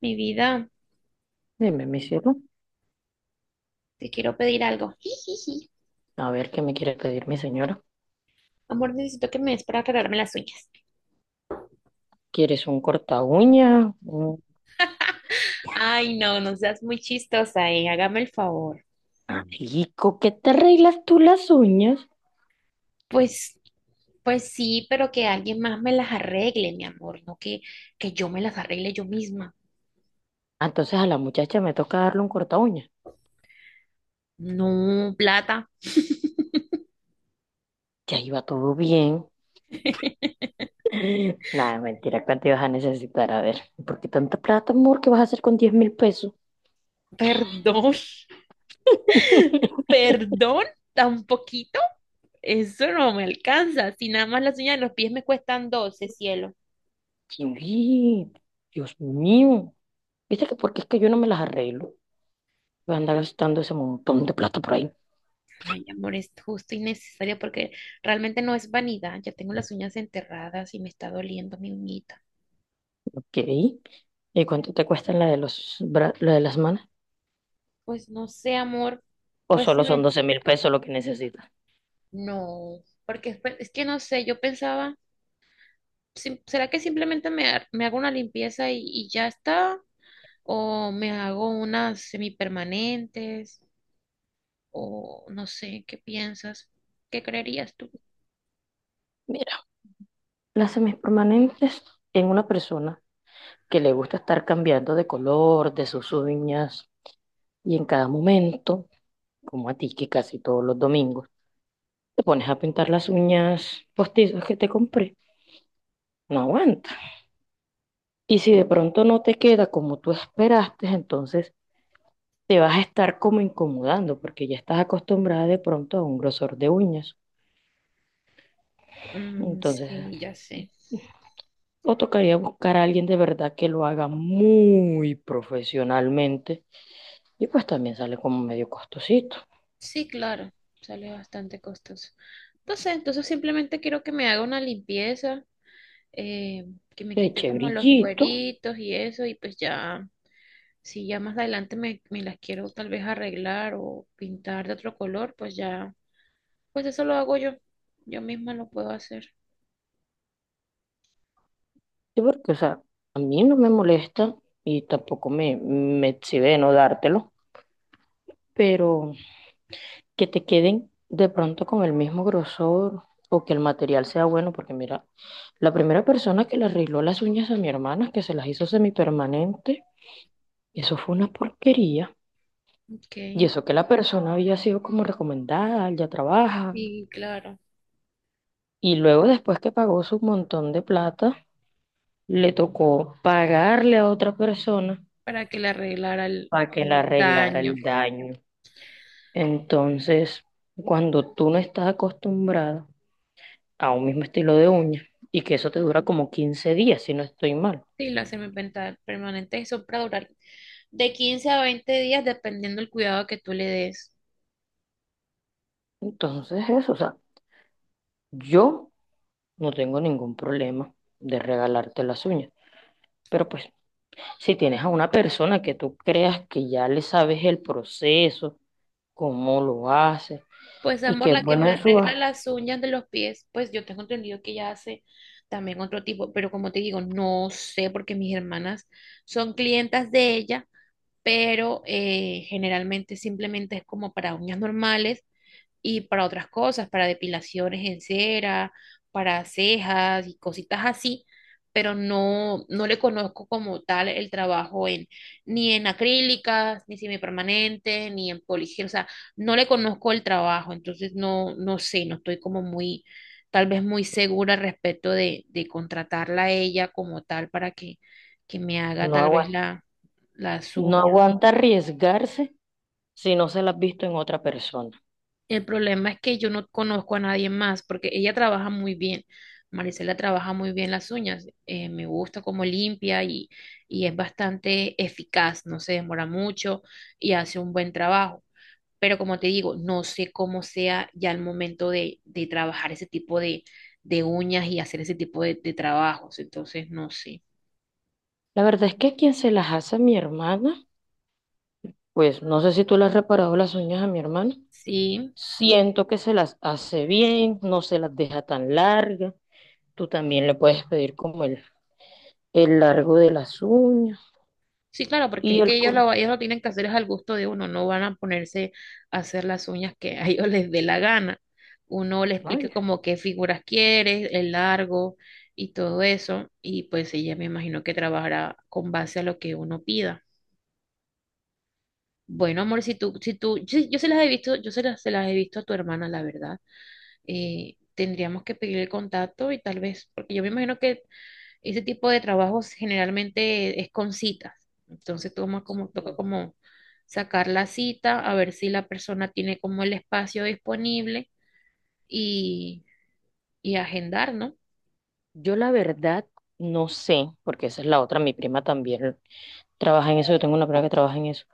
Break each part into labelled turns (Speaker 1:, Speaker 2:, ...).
Speaker 1: Mi vida,
Speaker 2: Dime, mi cielo,
Speaker 1: te quiero pedir algo. Jijiji.
Speaker 2: a ver qué me quiere pedir mi señora.
Speaker 1: Amor, necesito que me des para arreglarme las uñas.
Speaker 2: ¿Quieres un corta uña? ¿Un
Speaker 1: Ay, no, no seas muy chistosa, eh. Hágame el favor.
Speaker 2: amigo que te arreglas tú las uñas?
Speaker 1: Pues, pues sí, pero que alguien más me las arregle, mi amor, no que yo me las arregle yo misma.
Speaker 2: Ah, entonces a la muchacha me toca darle un corta uña.
Speaker 1: No, plata.
Speaker 2: Ya iba todo bien. Nada, mentira, ¿cuánto ibas a necesitar? A ver, ¿por qué tanta plata, amor? ¿Qué vas a hacer con 10.000 pesos?
Speaker 1: Perdón, perdón, tan poquito. Eso no me alcanza. Si nada más las uñas de los pies me cuestan 12, cielo.
Speaker 2: Sí, Dios mío. ¿Viste que porque es que yo no me las arreglo? Voy a andar gastando ese montón de plata por ahí.
Speaker 1: Ay, amor, es justo y necesario porque realmente no es vanidad. Ya tengo las uñas enterradas y me está doliendo mi uñita.
Speaker 2: Ok. ¿Y cuánto te cuesta la de los la de las manos?
Speaker 1: Pues no sé, amor.
Speaker 2: ¿O
Speaker 1: Pues sí,
Speaker 2: solo son
Speaker 1: ve.
Speaker 2: 12.000 pesos lo que necesitas?
Speaker 1: No, porque es que no sé, yo pensaba, ¿será que simplemente me hago una limpieza y ya está? ¿O me hago unas semipermanentes? ¿O no sé, qué piensas? ¿Qué creerías tú?
Speaker 2: Mira, las semipermanentes en una persona que le gusta estar cambiando de color de sus uñas, y en cada momento, como a ti, que casi todos los domingos te pones a pintar las uñas postizas que te compré, no aguanta. Y si de pronto no te queda como tú esperaste, entonces te vas a estar como incomodando porque ya estás acostumbrada de pronto a un grosor de uñas.
Speaker 1: Mm,
Speaker 2: Entonces
Speaker 1: sí, ya sé.
Speaker 2: o tocaría buscar a alguien de verdad que lo haga muy profesionalmente. Y pues también sale como medio costosito.
Speaker 1: Sí, claro, sale bastante costoso. Entonces simplemente quiero que me haga una limpieza, eh, que me
Speaker 2: Le
Speaker 1: quite
Speaker 2: eché
Speaker 1: como los
Speaker 2: brillito.
Speaker 1: cueritos y eso, y pues ya, si ya más adelante me las quiero tal vez arreglar o pintar de otro color, pues ya, pues eso lo hago yo, yo misma lo puedo hacer.
Speaker 2: Sí, porque, o sea, a mí no me molesta y tampoco me exhibe de no dártelo. Pero que te queden de pronto con el mismo grosor o que el material sea bueno. Porque mira, la primera persona que le arregló las uñas a mi hermana, que se las hizo semipermanente, eso fue una porquería.
Speaker 1: Ok,
Speaker 2: Y eso que la persona había sido como recomendada, ya trabaja.
Speaker 1: y claro,
Speaker 2: Y luego después que pagó su montón de plata, le tocó pagarle a otra persona
Speaker 1: para que le arreglara el,
Speaker 2: para que le
Speaker 1: el
Speaker 2: arreglara
Speaker 1: daño.
Speaker 2: el daño. Entonces, cuando tú no estás acostumbrada a un mismo estilo de uña, y que eso te dura como 15 días, si no estoy mal.
Speaker 1: Sí, la semipermanente eso para durar de 15 a 20 días dependiendo del cuidado que tú le des.
Speaker 2: Entonces, eso, o sea, yo no tengo ningún problema de regalarte las uñas, pero pues si tienes a una persona que tú creas que ya le sabes el proceso, cómo lo hace,
Speaker 1: Pues
Speaker 2: y
Speaker 1: amor,
Speaker 2: que es
Speaker 1: la que
Speaker 2: bueno
Speaker 1: me
Speaker 2: en su...
Speaker 1: arregla las uñas de los pies, pues yo tengo entendido que ella hace también otro tipo, pero como te digo, no sé porque mis hermanas son clientas de ella, pero generalmente simplemente es como para uñas normales y para otras cosas, para depilaciones en cera, para cejas y cositas así, pero no, no le conozco como tal el trabajo en, ni en acrílicas, ni semipermanente, ni en poligel, o sea, no le conozco el trabajo, entonces no, no sé, no estoy como muy, tal vez muy segura respecto de contratarla a ella como tal para que me haga
Speaker 2: No
Speaker 1: tal vez
Speaker 2: aguanta,
Speaker 1: la, la
Speaker 2: no aguanta arriesgarse si no se las has visto en otra persona.
Speaker 1: El problema es que yo no conozco a nadie más porque ella trabaja muy bien. Marisela trabaja muy bien las uñas. Me gusta cómo limpia y es bastante eficaz. No se demora mucho y hace un buen trabajo. Pero como te digo, no sé cómo sea ya el momento de trabajar ese tipo de uñas y hacer ese tipo de trabajos. Entonces, no sé.
Speaker 2: La verdad es que quien se las hace a mi hermana, pues no sé si tú le has reparado las uñas a mi hermana,
Speaker 1: Sí.
Speaker 2: siento que se las hace bien, no se las deja tan largas. Tú también le puedes pedir como el largo de las uñas
Speaker 1: Sí, claro, porque
Speaker 2: y
Speaker 1: es que
Speaker 2: el
Speaker 1: ellos
Speaker 2: color.
Speaker 1: lo, ellos lo tienen que hacer es al gusto de uno, no van a ponerse a hacer las uñas que a ellos les dé la gana. Uno le explica
Speaker 2: Ay,
Speaker 1: como qué figuras quiere, el largo y todo eso, y pues ella me imagino que trabajará con base a lo que uno pida. Bueno, amor, si tú, si tú, yo se las he visto, se las he visto a tu hermana, la verdad. Tendríamos que pedir el contacto y tal vez, porque yo me imagino que ese tipo de trabajos generalmente es con citas. Entonces toca como sacar la cita, a ver si la persona tiene como el espacio disponible y, y agendar, ¿no?
Speaker 2: yo la verdad no sé, porque esa es la otra, mi prima también trabaja en eso, yo tengo una prima que trabaja en eso.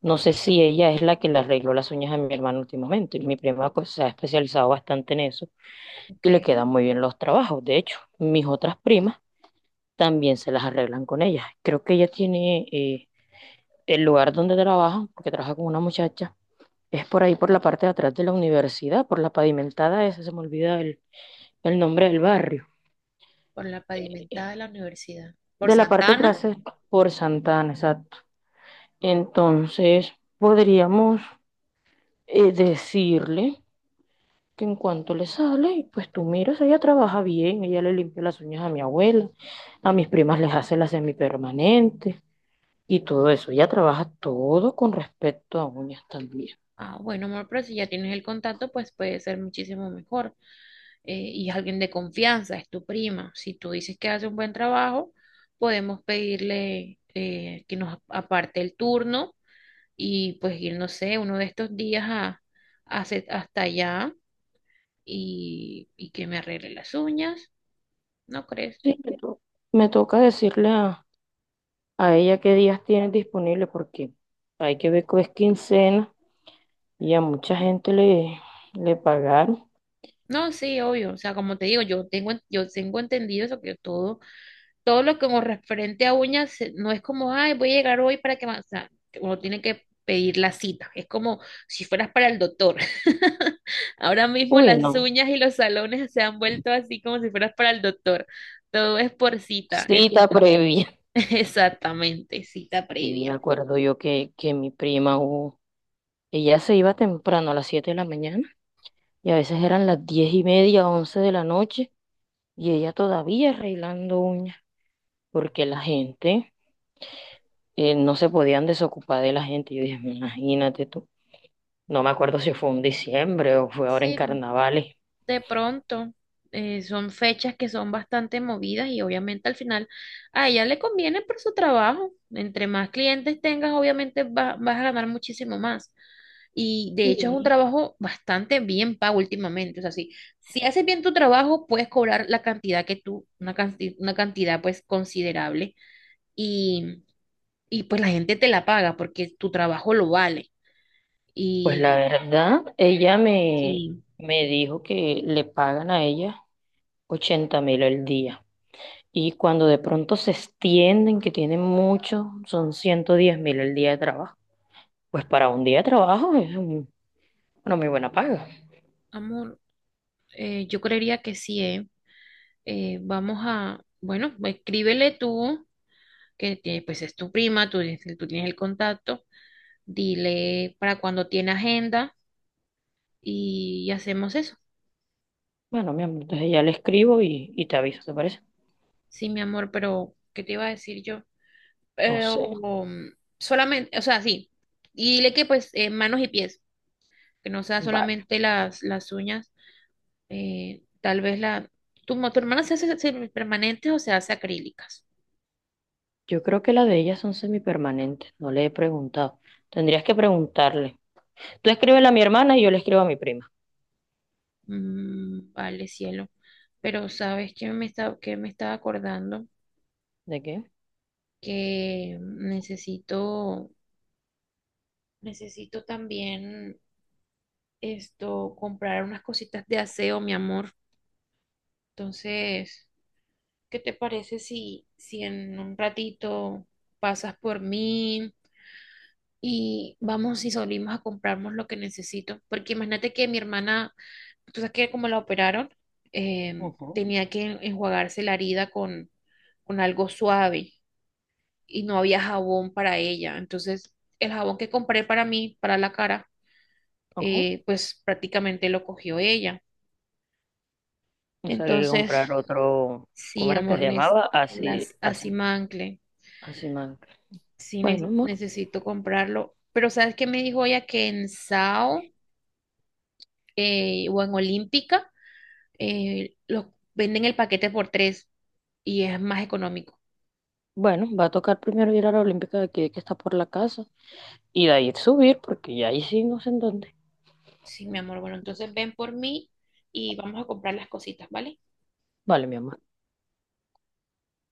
Speaker 2: No sé si ella es la que le arregló las uñas a mi hermano últimamente. Y mi prima, pues, se ha especializado bastante en eso
Speaker 1: Ok,
Speaker 2: y le quedan muy bien los trabajos. De hecho, mis otras primas también se las arreglan con ella. Creo que ella tiene el lugar donde trabaja, porque trabaja con una muchacha, es por ahí, por la parte de atrás de la universidad, por la pavimentada esa, se me olvida el nombre del barrio.
Speaker 1: por la
Speaker 2: eh,
Speaker 1: pavimentada de la universidad. Por
Speaker 2: De la parte de
Speaker 1: Santana.
Speaker 2: atrás es por Santana, exacto. Entonces, podríamos decirle que en cuanto le sale, pues tú miras, ella trabaja bien, ella le limpia las uñas a mi abuela, a mis primas les hace las semipermanentes y todo eso. Ella trabaja todo con respecto a uñas también.
Speaker 1: Ah, bueno, amor, pero si ya tienes el contacto, pues puede ser muchísimo mejor. Y es alguien de confianza, es tu prima. Si tú dices que hace un buen trabajo, podemos pedirle que nos aparte el turno y pues ir, no sé, uno de estos días a hasta allá y que me arregle las uñas, ¿no crees?
Speaker 2: Sí, me toca decirle a ella qué días tienes disponible porque hay que ver que es quincena y a mucha gente le pagaron.
Speaker 1: No, sí, obvio, o sea, como te digo, yo tengo entendido eso, que todo lo que con referente a uñas no es como, ay, voy a llegar hoy para que, me-". O sea, uno tiene que pedir la cita, es como si fueras para el doctor. Ahora mismo
Speaker 2: Uy,
Speaker 1: las
Speaker 2: no,
Speaker 1: uñas y los salones se han vuelto así como si fueras para el doctor. Todo es por cita,
Speaker 2: cita previa.
Speaker 1: exactamente, cita
Speaker 2: Y me
Speaker 1: previa.
Speaker 2: acuerdo yo que mi prima, ella se iba temprano a las 7 de la mañana y a veces eran las 10 y media, 11 de la noche y ella todavía arreglando uñas porque la gente no se podían desocupar de la gente. Yo dije, imagínate tú, no me acuerdo si fue en diciembre o fue ahora en
Speaker 1: Sí,
Speaker 2: carnavales.
Speaker 1: de pronto son fechas que son bastante movidas y obviamente al final a ella le conviene por su trabajo. Entre más clientes tengas, obviamente vas a ganar muchísimo más. Y de hecho es un
Speaker 2: Sí.
Speaker 1: trabajo bastante bien pago últimamente. O sea, si, si haces bien tu trabajo, puedes cobrar la cantidad que tú, una cantidad pues considerable y, y pues la gente te la paga porque tu trabajo lo vale.
Speaker 2: Pues la
Speaker 1: Y,
Speaker 2: verdad,
Speaker 1: y
Speaker 2: me dijo que le pagan a ella 80.000 el día. Y cuando de pronto se extienden, que tienen mucho, son 110.000 el día de trabajo. Pues para un día de trabajo es una muy buena paga.
Speaker 1: amor, yo creería que sí, ¿eh? Vamos a, bueno, escríbele tú, que pues es tu prima, tú tienes el contacto, dile para cuando tiene agenda y hacemos eso.
Speaker 2: Bueno, mi amor, entonces ya le escribo y te aviso, ¿te parece?
Speaker 1: Sí, mi amor, pero ¿qué te iba a decir yo?
Speaker 2: No
Speaker 1: Pero
Speaker 2: sé.
Speaker 1: solamente, o sea, sí, y dile que pues manos y pies, que no sea
Speaker 2: Vale.
Speaker 1: solamente las uñas, eh, tal vez la, tu hermana se hace permanentes o se hace acrílicas.
Speaker 2: Yo creo que la de ellas son semipermanentes, no le he preguntado. Tendrías que preguntarle. Tú escríbele a mi hermana y yo le escribo a mi prima.
Speaker 1: Mm, vale, cielo. Pero sabes que que me estaba acordando
Speaker 2: ¿De qué?
Speaker 1: que necesito también esto, comprar unas cositas de aseo, mi amor. Entonces, ¿qué te parece si en un ratito pasas por mí y vamos y salimos a comprarnos lo que necesito? Porque imagínate que mi hermana. Entonces, que como la operaron,
Speaker 2: Ajá.
Speaker 1: tenía que enjuagarse la herida con algo suave y no había jabón para ella. Entonces, el jabón que compré para mí, para la cara,
Speaker 2: Ajá.
Speaker 1: pues prácticamente lo cogió ella.
Speaker 2: O sea, que
Speaker 1: Entonces,
Speaker 2: comprar otro,
Speaker 1: sí,
Speaker 2: ¿cómo era que
Speaker 1: amor,
Speaker 2: se llamaba? Así,
Speaker 1: las
Speaker 2: así,
Speaker 1: Asimancle,
Speaker 2: así man.
Speaker 1: sí
Speaker 2: Bueno, amor.
Speaker 1: necesito comprarlo. Pero ¿sabes qué me dijo ella? Que en Sao o en Olímpica los venden el paquete por tres y es más económico.
Speaker 2: Bueno, va a tocar primero ir a la Olímpica de aquí, que está por la casa, y de ahí subir, porque ya ahí sí no sé en dónde.
Speaker 1: Sí, mi amor. Bueno, entonces ven por mí y vamos a comprar las cositas, ¿vale?
Speaker 2: Vale, mi amor.